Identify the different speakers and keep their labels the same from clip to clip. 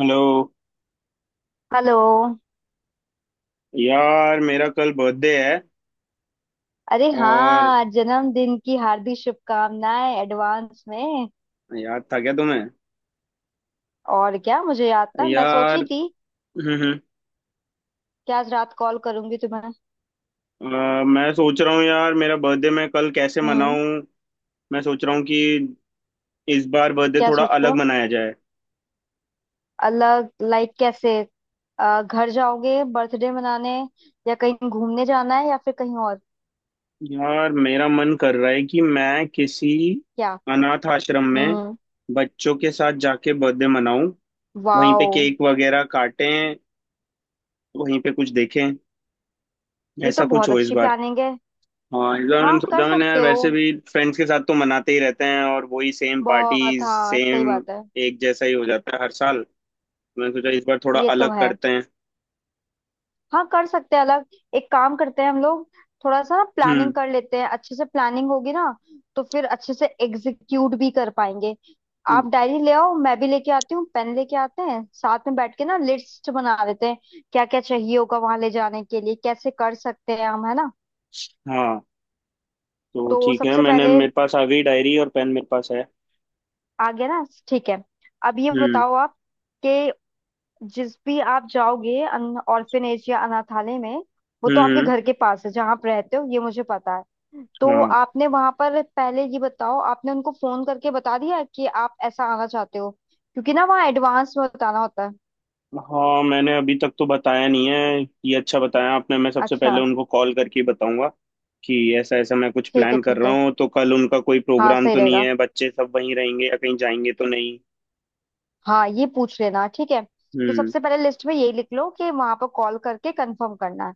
Speaker 1: Hello.
Speaker 2: Hello.
Speaker 1: यार मेरा कल बर्थडे है।
Speaker 2: अरे
Speaker 1: और
Speaker 2: हाँ, जन्मदिन की हार्दिक शुभकामनाएं एडवांस में।
Speaker 1: याद था क्या तुम्हें।
Speaker 2: और क्या मुझे याद था? मैं
Speaker 1: यार।
Speaker 2: सोची थी
Speaker 1: हम्म, हम्म।
Speaker 2: कि आज रात कॉल करूंगी तुम्हें।
Speaker 1: मैं सोच रहा हूँ यार मेरा बर्थडे मैं कल कैसे
Speaker 2: हम्म।
Speaker 1: मनाऊं। मैं सोच रहा हूँ कि इस बार बर्थडे
Speaker 2: क्या
Speaker 1: थोड़ा
Speaker 2: सोच रहे
Speaker 1: अलग
Speaker 2: हो?
Speaker 1: मनाया जाए।
Speaker 2: अलग लाइक कैसे? घर जाओगे बर्थडे मनाने, या कहीं घूमने जाना है, या फिर कहीं और?
Speaker 1: यार मेरा मन कर रहा है कि मैं किसी
Speaker 2: क्या?
Speaker 1: अनाथ आश्रम में
Speaker 2: हम्म।
Speaker 1: बच्चों के साथ जाके बर्थडे मनाऊं। वहीं पे
Speaker 2: वाओ,
Speaker 1: केक वगैरह काटें। वहीं पे कुछ देखें।
Speaker 2: ये तो
Speaker 1: ऐसा कुछ
Speaker 2: बहुत
Speaker 1: हो इस
Speaker 2: अच्छी
Speaker 1: बार।
Speaker 2: प्लानिंग है।
Speaker 1: हाँ इस बार मैंने
Speaker 2: हाँ, कर
Speaker 1: सोचा मैंने यार
Speaker 2: सकते हो।
Speaker 1: वैसे भी फ्रेंड्स के साथ तो मनाते ही रहते हैं और वही सेम
Speaker 2: बहुत।
Speaker 1: पार्टीज
Speaker 2: हाँ, सही
Speaker 1: सेम
Speaker 2: बात है।
Speaker 1: एक जैसा ही हो जाता है हर साल। मैंने सोचा इस बार थोड़ा
Speaker 2: ये तो
Speaker 1: अलग
Speaker 2: है।
Speaker 1: करते हैं।
Speaker 2: हाँ, कर सकते हैं अलग। एक काम करते हैं हम लोग। थोड़ा सा ना
Speaker 1: हम्म।
Speaker 2: प्लानिंग कर लेते हैं, अच्छे से प्लानिंग होगी ना, तो फिर अच्छे से एग्जीक्यूट भी कर पाएंगे। आप डायरी ले आओ, मैं भी लेके आती हूँ, पेन लेके आते हैं, साथ में बैठ के ना लिस्ट बना लेते हैं। क्या क्या चाहिए होगा वहां ले जाने के लिए, कैसे कर सकते हैं हम, है ना?
Speaker 1: हाँ। तो
Speaker 2: तो
Speaker 1: ठीक है
Speaker 2: सबसे
Speaker 1: मैंने
Speaker 2: पहले।
Speaker 1: मेरे पास आ गई डायरी और पेन मेरे पास है।
Speaker 2: आ गया ना? ठीक है। अब ये
Speaker 1: हम्म,
Speaker 2: बताओ आप, कि जिस भी आप जाओगे अन ऑर्फिनेज या अनाथालय में, वो तो
Speaker 1: हम्म,
Speaker 2: आपके
Speaker 1: हम्म।
Speaker 2: घर के पास है जहाँ आप रहते हो, ये मुझे पता है। तो
Speaker 1: हाँ।
Speaker 2: आपने वहां पर, पहले ये बताओ, आपने उनको फोन करके बता दिया कि आप ऐसा आना चाहते हो? क्योंकि ना वहाँ एडवांस में बताना होता है।
Speaker 1: हाँ मैंने अभी तक तो बताया नहीं है ये अच्छा बताया आपने मैं सबसे पहले
Speaker 2: अच्छा।
Speaker 1: उनको कॉल करके ही बताऊंगा कि ऐसा ऐसा मैं कुछ
Speaker 2: ठीक है,
Speaker 1: प्लान कर
Speaker 2: ठीक
Speaker 1: रहा
Speaker 2: है।
Speaker 1: हूँ तो कल उनका कोई
Speaker 2: हाँ,
Speaker 1: प्रोग्राम
Speaker 2: सही
Speaker 1: तो नहीं
Speaker 2: रहेगा।
Speaker 1: है बच्चे सब वहीं रहेंगे या कहीं जाएंगे तो नहीं।
Speaker 2: हाँ, ये पूछ लेना। ठीक है। तो
Speaker 1: हम्म।
Speaker 2: सबसे पहले लिस्ट में यही लिख लो कि वहां पर कॉल करके कंफर्म करना है।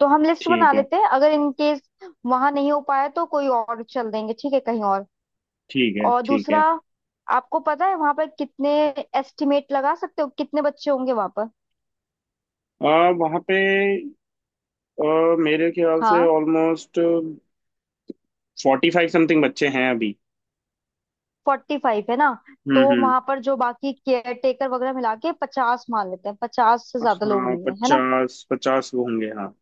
Speaker 2: तो हम लिस्ट
Speaker 1: ठीक
Speaker 2: बना
Speaker 1: है,
Speaker 2: लेते हैं, अगर इन केस वहां नहीं हो पाया तो कोई और चल देंगे, ठीक है, कहीं और।
Speaker 1: ठीक है,
Speaker 2: और
Speaker 1: ठीक
Speaker 2: दूसरा,
Speaker 1: है।
Speaker 2: आपको पता है वहां पर कितने, एस्टिमेट लगा सकते हो कितने बच्चे होंगे वहां पर?
Speaker 1: वहाँ पे मेरे ख्याल से
Speaker 2: हाँ,
Speaker 1: ऑलमोस्ट 45 समथिंग बच्चे हैं अभी।
Speaker 2: 45 है ना? तो
Speaker 1: हम्म, हम्म।
Speaker 2: वहां पर जो बाकी केयर टेकर वगैरह मिला के 50 मान लेते हैं। 50 से ज्यादा लोग
Speaker 1: हाँ
Speaker 2: नहीं है, है ना?
Speaker 1: पचास पचास वो होंगे, हाँ।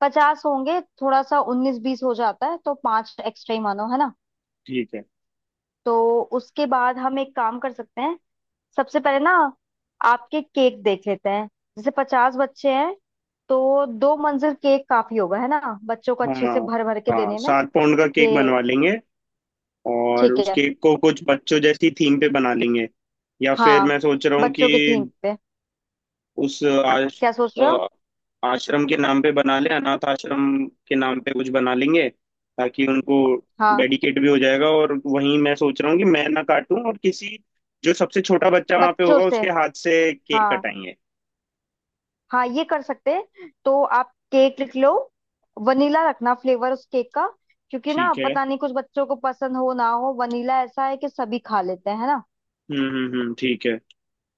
Speaker 2: 50 होंगे। थोड़ा सा उन्नीस बीस हो जाता है, तो पांच एक्स्ट्रा ही मानो, है ना?
Speaker 1: ठीक है।
Speaker 2: तो उसके बाद हम एक काम कर सकते हैं। सबसे पहले ना आपके केक देख लेते हैं। जैसे 50 बच्चे हैं, तो दो मंजिल केक काफी होगा है ना, बच्चों को अच्छे से
Speaker 1: हाँ,
Speaker 2: भर भर के
Speaker 1: हाँ
Speaker 2: देने में।
Speaker 1: 7 पाउंड का केक
Speaker 2: कि
Speaker 1: बनवा लेंगे। और
Speaker 2: ठीक
Speaker 1: उस
Speaker 2: है।
Speaker 1: केक को कुछ बच्चों जैसी थीम पे बना लेंगे। या फिर
Speaker 2: हाँ,
Speaker 1: मैं सोच रहा हूँ
Speaker 2: बच्चों
Speaker 1: कि
Speaker 2: के थीम पे।
Speaker 1: उस आश,
Speaker 2: क्या सोच रहे हो?
Speaker 1: अ, आश्रम के नाम पे बना ले, अनाथ आश्रम के नाम पे कुछ बना लेंगे। ताकि उनको
Speaker 2: हाँ।
Speaker 1: डेडिकेट भी हो जाएगा, और वहीं मैं सोच रहा हूँ कि मैं ना काटूं और किसी, जो सबसे छोटा बच्चा वहां पे
Speaker 2: बच्चों
Speaker 1: होगा,
Speaker 2: से।
Speaker 1: उसके हाथ से केक
Speaker 2: हाँ
Speaker 1: कटाएंगे।
Speaker 2: हाँ, ये कर सकते हैं, तो आप केक लिख लो। वनीला रखना फ्लेवर उस केक का। क्योंकि ना
Speaker 1: ठीक है।
Speaker 2: पता नहीं कुछ बच्चों को पसंद हो ना हो, वनीला ऐसा है कि सभी खा लेते हैं, है ना?
Speaker 1: हम्म, हम्म, हम्म, ठीक है।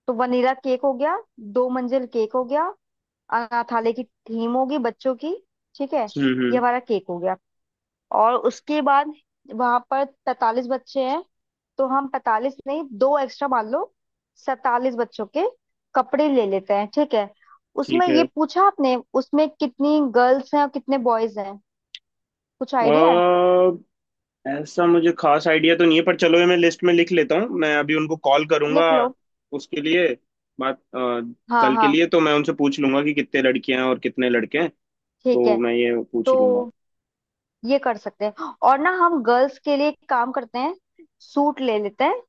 Speaker 2: तो वनीला केक हो गया, दो मंजिल केक हो गया, अनाथालय की थीम होगी बच्चों की। ठीक है।
Speaker 1: हम्म,
Speaker 2: ये
Speaker 1: हम्म,
Speaker 2: हमारा केक हो गया। और उसके बाद, वहां पर 45 बच्चे हैं, तो हम 45 नहीं, दो एक्स्ट्रा मान लो, 47 बच्चों के कपड़े ले लेते हैं। ठीक है। उसमें
Speaker 1: ठीक
Speaker 2: ये
Speaker 1: है।
Speaker 2: पूछा आपने, उसमें कितनी गर्ल्स हैं और कितने बॉयज हैं, कुछ
Speaker 1: अ
Speaker 2: आइडिया है?
Speaker 1: ऐसा मुझे खास आइडिया तो नहीं है, पर चलो ये मैं लिस्ट में लिख लेता हूँ, मैं अभी उनको कॉल करूंगा
Speaker 2: लिख लो।
Speaker 1: उसके लिए बात।
Speaker 2: हाँ
Speaker 1: कल के
Speaker 2: हाँ,
Speaker 1: लिए तो मैं उनसे पूछ लूंगा कि कितने लड़कियां हैं और कितने लड़के हैं।
Speaker 2: ठीक
Speaker 1: तो
Speaker 2: है।
Speaker 1: मैं ये पूछ
Speaker 2: तो
Speaker 1: ही लूंगा।
Speaker 2: ये कर सकते हैं, और ना हम गर्ल्स के लिए एक काम करते हैं, सूट ले लेते हैं,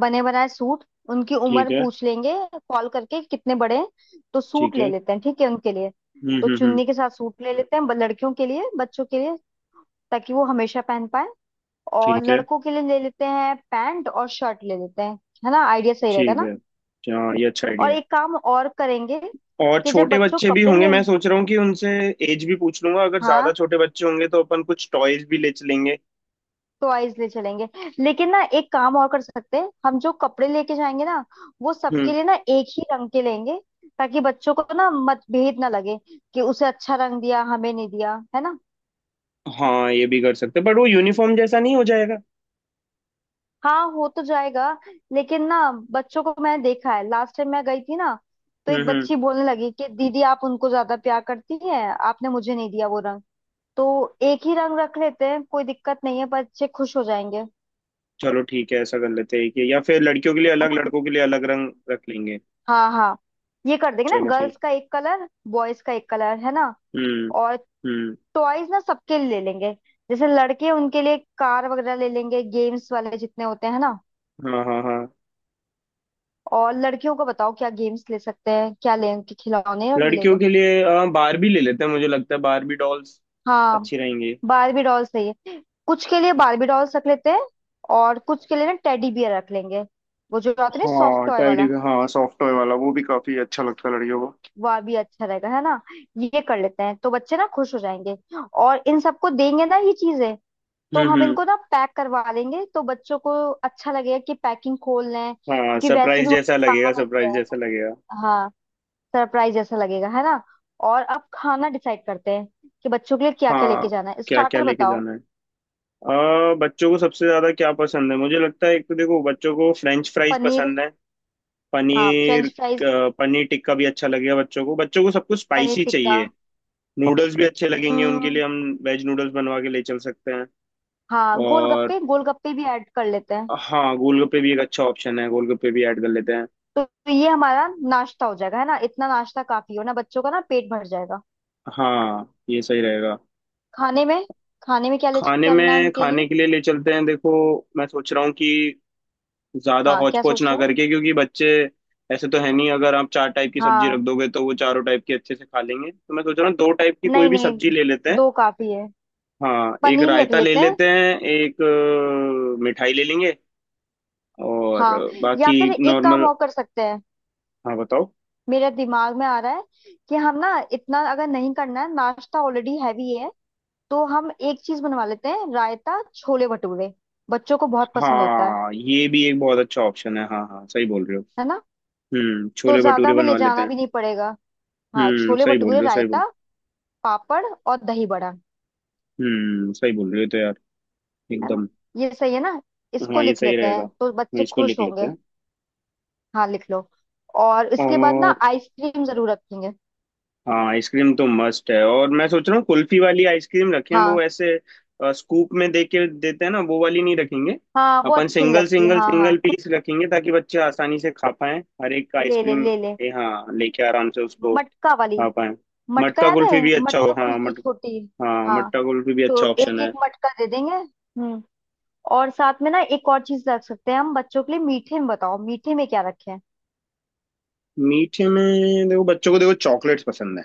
Speaker 2: बने बनाए सूट। उनकी
Speaker 1: ठीक
Speaker 2: उम्र
Speaker 1: है।
Speaker 2: पूछ लेंगे कॉल करके, कितने बड़े हैं। तो सूट
Speaker 1: ठीक
Speaker 2: ले
Speaker 1: है।
Speaker 2: लेते हैं, ठीक है उनके लिए।
Speaker 1: हम्म,
Speaker 2: तो
Speaker 1: हम्म, हम्म,
Speaker 2: चुन्नी के साथ सूट ले लेते हैं, लड़कियों के लिए, बच्चों के लिए, ताकि वो हमेशा पहन पाए। और
Speaker 1: ठीक है।
Speaker 2: लड़कों के लिए ले लेते हैं, पैंट और शर्ट ले लेते हैं। है ना? आइडिया सही रहेगा
Speaker 1: ठीक
Speaker 2: ना?
Speaker 1: है। हाँ ये अच्छा
Speaker 2: और
Speaker 1: आइडिया है।
Speaker 2: एक काम और करेंगे,
Speaker 1: और
Speaker 2: कि जब
Speaker 1: छोटे
Speaker 2: बच्चों
Speaker 1: बच्चे भी
Speaker 2: कपड़े
Speaker 1: होंगे, मैं
Speaker 2: लेंगे।
Speaker 1: सोच रहा हूँ कि उनसे एज भी पूछ लूंगा, अगर ज्यादा
Speaker 2: हाँ,
Speaker 1: छोटे बच्चे होंगे तो अपन कुछ टॉयज भी ले चलेंगे।
Speaker 2: टॉयज ले चलेंगे। लेकिन ना एक काम और कर सकते हैं, हम जो कपड़े लेके जाएंगे ना, वो सबके
Speaker 1: हम्म।
Speaker 2: लिए ना एक ही रंग के लेंगे, ताकि बच्चों को ना मतभेद ना लगे कि उसे अच्छा रंग दिया, हमें नहीं दिया, है ना?
Speaker 1: हाँ ये भी कर सकते हैं, बट वो यूनिफॉर्म जैसा नहीं हो जाएगा।
Speaker 2: हाँ, हो तो जाएगा, लेकिन ना, बच्चों को मैंने देखा है, लास्ट टाइम मैं गई थी ना, तो
Speaker 1: हम्म,
Speaker 2: एक
Speaker 1: हम्म।
Speaker 2: बच्ची बोलने लगी कि दीदी आप उनको ज्यादा प्यार करती हैं, आपने मुझे नहीं दिया वो रंग। तो एक ही रंग रख लेते हैं, कोई दिक्कत नहीं है, बच्चे खुश हो जाएंगे।
Speaker 1: चलो ठीक है, ऐसा कर लेते हैं कि या फिर लड़कियों के लिए अलग,
Speaker 2: है।
Speaker 1: लड़कों के लिए अलग रंग रख लेंगे।
Speaker 2: हाँ हाँ, ये कर देंगे ना,
Speaker 1: चलो ठीक।
Speaker 2: गर्ल्स का एक कलर, बॉयज का एक कलर, है ना?
Speaker 1: हम्म,
Speaker 2: और
Speaker 1: हम्म।
Speaker 2: टॉयज ना सबके लिए ले लेंगे। जैसे लड़के, उनके लिए कार वगैरह ले लेंगे, गेम्स वाले जितने होते हैं ना।
Speaker 1: हाँ, हाँ, हाँ।
Speaker 2: और लड़कियों को बताओ क्या गेम्स ले सकते हैं, क्या लें उनके खिलौने और ले
Speaker 1: लड़कियों
Speaker 2: लें।
Speaker 1: के लिए बारबी ले लेते हैं, मुझे लगता है बारबी डॉल्स
Speaker 2: हाँ,
Speaker 1: अच्छी रहेंगी।
Speaker 2: बारबी डॉल सही है। कुछ के लिए बारबी डॉल्स रख लेते हैं, और कुछ के लिए ना टेडी बियर रख लेंगे, वो जो आते हैं सॉफ्ट
Speaker 1: हाँ
Speaker 2: टॉय
Speaker 1: टैडी
Speaker 2: वाला।
Speaker 1: भी, हाँ सॉफ्ट टॉय वाला, वो भी काफी अच्छा लगता है लड़कियों को।
Speaker 2: वह भी अच्छा रहेगा, है ना? ये कर लेते हैं, तो बच्चे ना खुश हो जाएंगे। और इन सबको देंगे ना ये चीजें, तो
Speaker 1: हम्म,
Speaker 2: हम
Speaker 1: हम्म।
Speaker 2: इनको ना पैक करवा लेंगे, तो बच्चों को अच्छा लगेगा कि पैकिंग खोल लें,
Speaker 1: हाँ
Speaker 2: क्योंकि वैसे
Speaker 1: सरप्राइज
Speaker 2: भी
Speaker 1: जैसा
Speaker 2: उन्हें कहाँ
Speaker 1: लगेगा,
Speaker 2: मिलते
Speaker 1: सरप्राइज जैसा
Speaker 2: हैं।
Speaker 1: लगेगा।
Speaker 2: हाँ, सरप्राइज जैसा लगेगा, है ना? और अब खाना डिसाइड करते हैं, कि बच्चों के लिए क्या क्या लेके
Speaker 1: हाँ
Speaker 2: जाना है।
Speaker 1: क्या क्या
Speaker 2: स्टार्टर
Speaker 1: लेके
Speaker 2: बताओ।
Speaker 1: जाना है। बच्चों को सबसे ज्यादा क्या पसंद है, मुझे लगता है एक तो देखो, बच्चों को फ्रेंच फ्राइज
Speaker 2: पनीर।
Speaker 1: पसंद है।
Speaker 2: हाँ,
Speaker 1: पनीर
Speaker 2: फ्रेंच फ्राइज।
Speaker 1: अ, पनीर टिक्का भी अच्छा लगेगा बच्चों को, बच्चों को सब कुछ
Speaker 2: पनीर
Speaker 1: स्पाइसी
Speaker 2: टिक्का।
Speaker 1: चाहिए। नूडल्स भी अच्छे लगेंगे उनके लिए,
Speaker 2: हम्म।
Speaker 1: हम वेज नूडल्स बनवा के ले चल सकते हैं।
Speaker 2: हाँ,
Speaker 1: और
Speaker 2: गोलगप्पे, गोलगप्पे भी ऐड कर लेते हैं।
Speaker 1: हाँ गोलगप्पे भी एक अच्छा ऑप्शन है, गोलगप्पे भी ऐड कर लेते हैं।
Speaker 2: तो ये हमारा नाश्ता हो जाएगा, है ना? इतना नाश्ता काफी हो ना, बच्चों का ना पेट भर जाएगा।
Speaker 1: हाँ ये सही रहेगा।
Speaker 2: खाने में, खाने में क्या ले चलना है उनके
Speaker 1: खाने
Speaker 2: लिए?
Speaker 1: के लिए ले चलते हैं, देखो। मैं सोच रहा हूँ कि ज्यादा
Speaker 2: हाँ,
Speaker 1: हौच
Speaker 2: क्या
Speaker 1: पौच
Speaker 2: सोच
Speaker 1: ना
Speaker 2: रहे हो?
Speaker 1: करके, क्योंकि बच्चे ऐसे तो है नहीं, अगर आप चार टाइप की सब्जी
Speaker 2: हाँ,
Speaker 1: रख दोगे तो वो चारों टाइप की अच्छे से खा लेंगे, तो मैं सोच रहा हूँ दो टाइप की कोई
Speaker 2: नहीं
Speaker 1: भी
Speaker 2: नहीं,
Speaker 1: सब्जी ले लेते हैं।
Speaker 2: दो काफी है।
Speaker 1: हाँ एक
Speaker 2: पनीर लिख
Speaker 1: रायता ले
Speaker 2: लेते हैं।
Speaker 1: लेते हैं, एक मिठाई ले लेंगे, और
Speaker 2: हाँ। या
Speaker 1: बाकी
Speaker 2: फिर एक काम
Speaker 1: नॉर्मल।
Speaker 2: और कर सकते हैं,
Speaker 1: हाँ बताओ।
Speaker 2: मेरे दिमाग में आ रहा है, कि हम ना इतना अगर नहीं करना है, नाश्ता ऑलरेडी हैवी है। तो हम एक चीज बनवा लेते हैं, रायता छोले भटूरे, बच्चों को बहुत पसंद होता है
Speaker 1: हाँ ये भी एक बहुत अच्छा ऑप्शन है, हाँ हाँ सही बोल रहे हो।
Speaker 2: है ना?
Speaker 1: हम्म,
Speaker 2: तो
Speaker 1: छोले
Speaker 2: ज्यादा
Speaker 1: भटूरे
Speaker 2: हमें ले
Speaker 1: बनवा लेते
Speaker 2: जाना
Speaker 1: हैं।
Speaker 2: भी नहीं पड़ेगा। हाँ,
Speaker 1: हम्म,
Speaker 2: छोले
Speaker 1: सही बोल
Speaker 2: भटूरे,
Speaker 1: रहे हो, सही बोल।
Speaker 2: रायता, पापड़ और दही बड़ा।
Speaker 1: हम्म, सही बोल रहे हो, तो यार
Speaker 2: है ना?
Speaker 1: एकदम।
Speaker 2: ये सही है ना?
Speaker 1: तो
Speaker 2: इसको
Speaker 1: हाँ ये
Speaker 2: लिख
Speaker 1: सही
Speaker 2: लेते
Speaker 1: रहेगा,
Speaker 2: हैं, तो
Speaker 1: हम
Speaker 2: बच्चे
Speaker 1: इसको
Speaker 2: खुश
Speaker 1: लिख लेते
Speaker 2: होंगे।
Speaker 1: हैं।
Speaker 2: हाँ, लिख लो। और इसके बाद ना
Speaker 1: और
Speaker 2: आइसक्रीम जरूर रखेंगे।
Speaker 1: हाँ आइसक्रीम तो मस्ट है, और मैं सोच रहा हूँ कुल्फी वाली आइसक्रीम रखें,
Speaker 2: हाँ।
Speaker 1: वो ऐसे स्कूप में दे के देते हैं ना, वो वाली नहीं रखेंगे।
Speaker 2: हाँ, वो
Speaker 1: अपन
Speaker 2: अच्छी नहीं
Speaker 1: सिंगल
Speaker 2: लगती,
Speaker 1: सिंगल
Speaker 2: हाँ
Speaker 1: सिंगल
Speaker 2: हाँ।
Speaker 1: पीस रखेंगे, ताकि बच्चे आसानी से खा पाएं हर एक
Speaker 2: ले ले
Speaker 1: आइसक्रीम।
Speaker 2: ले ले।
Speaker 1: हाँ लेके आराम से उसको
Speaker 2: मटका वाली।
Speaker 1: खा पाएं।
Speaker 2: मटका
Speaker 1: मटका
Speaker 2: याद है?
Speaker 1: कुल्फी भी अच्छा हो,
Speaker 2: मटका
Speaker 1: हाँ
Speaker 2: कुल्फी
Speaker 1: मट
Speaker 2: छोटी।
Speaker 1: हाँ
Speaker 2: हाँ,
Speaker 1: मटका कुल्फी भी
Speaker 2: तो
Speaker 1: अच्छा ऑप्शन
Speaker 2: एक
Speaker 1: है।
Speaker 2: एक मटका दे देंगे। हम्म। और साथ में ना एक और चीज रख सकते हैं हम बच्चों के लिए मीठे में। बताओ मीठे में क्या रखें?
Speaker 1: मीठे में देखो, बच्चों को देखो चॉकलेट्स पसंद है।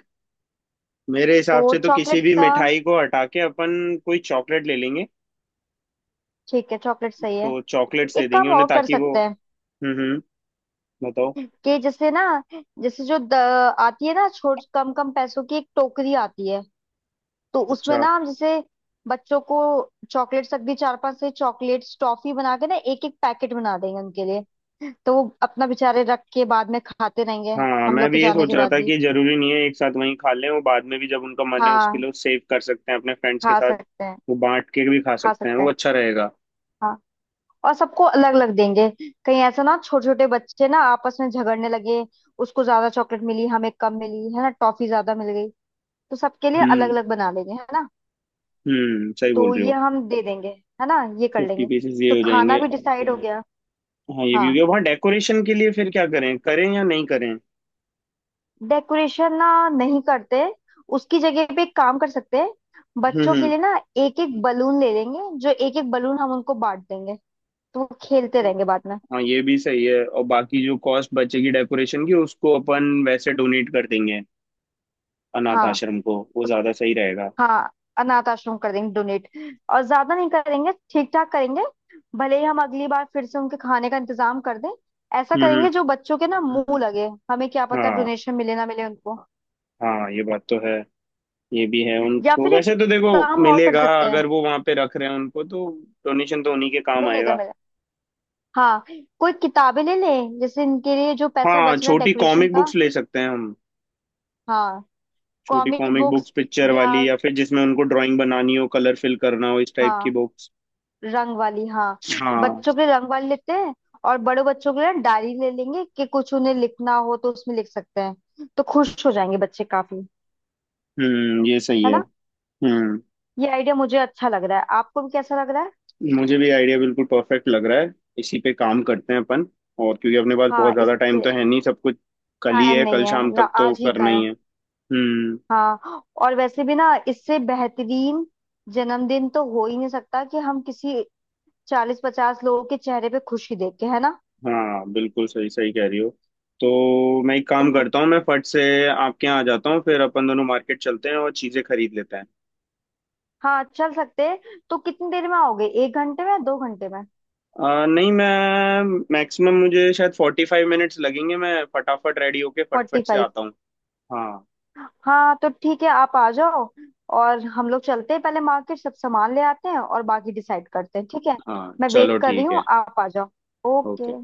Speaker 1: मेरे
Speaker 2: तो
Speaker 1: हिसाब से तो किसी
Speaker 2: चॉकलेट्स
Speaker 1: भी
Speaker 2: का?
Speaker 1: मिठाई को हटा के अपन कोई चॉकलेट ले लेंगे।
Speaker 2: ठीक है, चॉकलेट सही
Speaker 1: तो
Speaker 2: है।
Speaker 1: चॉकलेट्स दे
Speaker 2: एक
Speaker 1: देंगे
Speaker 2: काम
Speaker 1: उन्हें
Speaker 2: और कर
Speaker 1: ताकि वो।
Speaker 2: सकते हैं,
Speaker 1: हम्म, हम्म, बताओ।
Speaker 2: कि जैसे ना, जैसे जो आती है ना, छोट कम कम पैसों की एक टोकरी आती है। तो उसमें
Speaker 1: अच्छा।
Speaker 2: ना हम जैसे बच्चों को चॉकलेट तक भी चार पांच से चॉकलेट्स, टॉफी बना के ना एक एक पैकेट बना देंगे उनके लिए। तो वो अपना बेचारे रख के बाद में खाते रहेंगे,
Speaker 1: हाँ
Speaker 2: हम
Speaker 1: मैं
Speaker 2: लोग के
Speaker 1: भी ये
Speaker 2: जाने
Speaker 1: सोच
Speaker 2: के
Speaker 1: रहा
Speaker 2: बाद
Speaker 1: था
Speaker 2: भी।
Speaker 1: कि जरूरी नहीं है एक साथ वहीं खा लें, वो बाद में भी जब उनका मन है उसके
Speaker 2: हाँ,
Speaker 1: लिए सेव कर सकते हैं अपने फ्रेंड्स के
Speaker 2: खा
Speaker 1: साथ।
Speaker 2: सकते हैं,
Speaker 1: वो बांट के भी खा
Speaker 2: खा
Speaker 1: सकते हैं,
Speaker 2: सकते
Speaker 1: वो
Speaker 2: हैं।
Speaker 1: अच्छा रहेगा।
Speaker 2: हाँ, और सबको अलग अलग देंगे, कहीं ऐसा ना छोटे छोटे बच्चे ना आपस में झगड़ने लगे, उसको ज्यादा चॉकलेट मिली, हमें कम मिली, है ना, टॉफी ज्यादा मिल गई। तो सबके लिए अलग
Speaker 1: हम्म,
Speaker 2: अलग बना लेंगे, है ना?
Speaker 1: हम्म, सही बोल
Speaker 2: तो
Speaker 1: रहे
Speaker 2: ये
Speaker 1: हो।
Speaker 2: हम दे देंगे, है ना? ये कर
Speaker 1: फिफ्टी
Speaker 2: लेंगे।
Speaker 1: पीसेस ये
Speaker 2: तो
Speaker 1: हो
Speaker 2: खाना
Speaker 1: जाएंगे।
Speaker 2: भी डिसाइड हो गया।
Speaker 1: हाँ ये भी हो
Speaker 2: हाँ।
Speaker 1: गया, वहाँ डेकोरेशन के लिए फिर क्या, करें करें या नहीं करें।
Speaker 2: डेकोरेशन ना, नहीं करते। उसकी जगह पे एक काम कर सकते हैं,
Speaker 1: हम्म,
Speaker 2: बच्चों के
Speaker 1: हम्म।
Speaker 2: लिए ना एक एक बलून ले लेंगे, जो एक एक बलून हम उनको बांट देंगे, तो वो खेलते रहेंगे बाद में।
Speaker 1: हाँ ये भी सही है, और बाकी जो कॉस्ट बचेगी डेकोरेशन की, उसको अपन वैसे डोनेट कर देंगे अनाथ
Speaker 2: हाँ।
Speaker 1: आश्रम को, वो
Speaker 2: उस
Speaker 1: ज्यादा सही रहेगा।
Speaker 2: हाँ, अनाथ आश्रम कर देंगे डोनेट। और ज्यादा नहीं करेंगे, ठीक ठाक करेंगे। भले ही हम अगली बार फिर से उनके खाने का इंतजाम कर दें। ऐसा
Speaker 1: हम्म,
Speaker 2: करेंगे जो बच्चों के ना मुंह लगे, हमें क्या पता
Speaker 1: हाँ।
Speaker 2: डोनेशन मिले ना मिले उनको।
Speaker 1: हाँ ये बात तो है। ये भी है,
Speaker 2: या
Speaker 1: उनको
Speaker 2: फिर एक
Speaker 1: वैसे तो देखो
Speaker 2: काम और कर
Speaker 1: मिलेगा,
Speaker 2: सकते हैं।
Speaker 1: अगर वो वहां पे रख रहे हैं उनको तो डोनेशन तो उन्हीं के काम
Speaker 2: मिलेगा
Speaker 1: आएगा।
Speaker 2: मिलेगा। हाँ, कोई किताबें ले लें जैसे इनके लिए, जो पैसा
Speaker 1: हाँ
Speaker 2: बच रहा है
Speaker 1: छोटी
Speaker 2: डेकोरेशन
Speaker 1: कॉमिक
Speaker 2: का।
Speaker 1: बुक्स ले सकते हैं हम।
Speaker 2: हाँ,
Speaker 1: छोटी
Speaker 2: comic
Speaker 1: comic
Speaker 2: books.
Speaker 1: Books picture
Speaker 2: या,
Speaker 1: वाली, या फिर जिसमें उनको ड्राइंग बनानी हो, कलर फिल करना हो, इस टाइप की
Speaker 2: हाँ,
Speaker 1: बुक्स।
Speaker 2: रंग वाली। हाँ,
Speaker 1: हाँ।
Speaker 2: बच्चों के लिए रंग वाली लेते हैं। और बड़े बच्चों के लिए डायरी ले लेंगे, कि कुछ उन्हें लिखना हो तो उसमें लिख सकते हैं, तो खुश हो जाएंगे बच्चे काफी,
Speaker 1: हम्म, ये सही
Speaker 2: है
Speaker 1: है।
Speaker 2: ना?
Speaker 1: हम्म।
Speaker 2: ये आइडिया मुझे अच्छा लग रहा है, आपको भी कैसा लग रहा है?
Speaker 1: मुझे भी आइडिया बिल्कुल परफेक्ट लग रहा है। इसी पे काम करते हैं अपन। और क्योंकि अपने पास
Speaker 2: हाँ,
Speaker 1: बहुत
Speaker 2: इस
Speaker 1: ज्यादा टाइम तो
Speaker 2: पे।
Speaker 1: है नहीं, सब कुछ कल ही
Speaker 2: टाइम
Speaker 1: है, कल
Speaker 2: नहीं
Speaker 1: शाम
Speaker 2: है,
Speaker 1: तक तो
Speaker 2: आज ही का
Speaker 1: करना ही
Speaker 2: है।
Speaker 1: है। हम्म।
Speaker 2: हाँ, और वैसे भी ना इससे बेहतरीन जन्मदिन तो हो ही नहीं सकता, कि हम किसी 40-50 लोगों के चेहरे पे खुशी देख के, है ना?
Speaker 1: हाँ बिल्कुल सही सही कह रही हो। तो मैं एक काम
Speaker 2: तो।
Speaker 1: करता हूँ, मैं फट से आपके यहाँ आ जाता हूँ, फिर अपन दोनों मार्केट चलते हैं और चीज़ें खरीद लेते हैं।
Speaker 2: हाँ, चल सकते हैं। तो कितनी देर में आओगे, 1 घंटे में, 2 घंटे में?
Speaker 1: नहीं मैं मैक्सिमम, मुझे शायद 45 मिनट्स लगेंगे, मैं फटाफट रेडी होके
Speaker 2: फोर्टी
Speaker 1: फटफट से
Speaker 2: फाइव
Speaker 1: आता हूँ। हाँ।
Speaker 2: हाँ, तो ठीक है, आप आ जाओ। और हम लोग चलते हैं पहले मार्केट, सब सामान ले आते हैं और बाकी डिसाइड करते हैं, ठीक है?
Speaker 1: हाँ
Speaker 2: मैं
Speaker 1: चलो
Speaker 2: वेट कर रही
Speaker 1: ठीक है।
Speaker 2: हूँ, आप आ जाओ। ओके।
Speaker 1: ओके।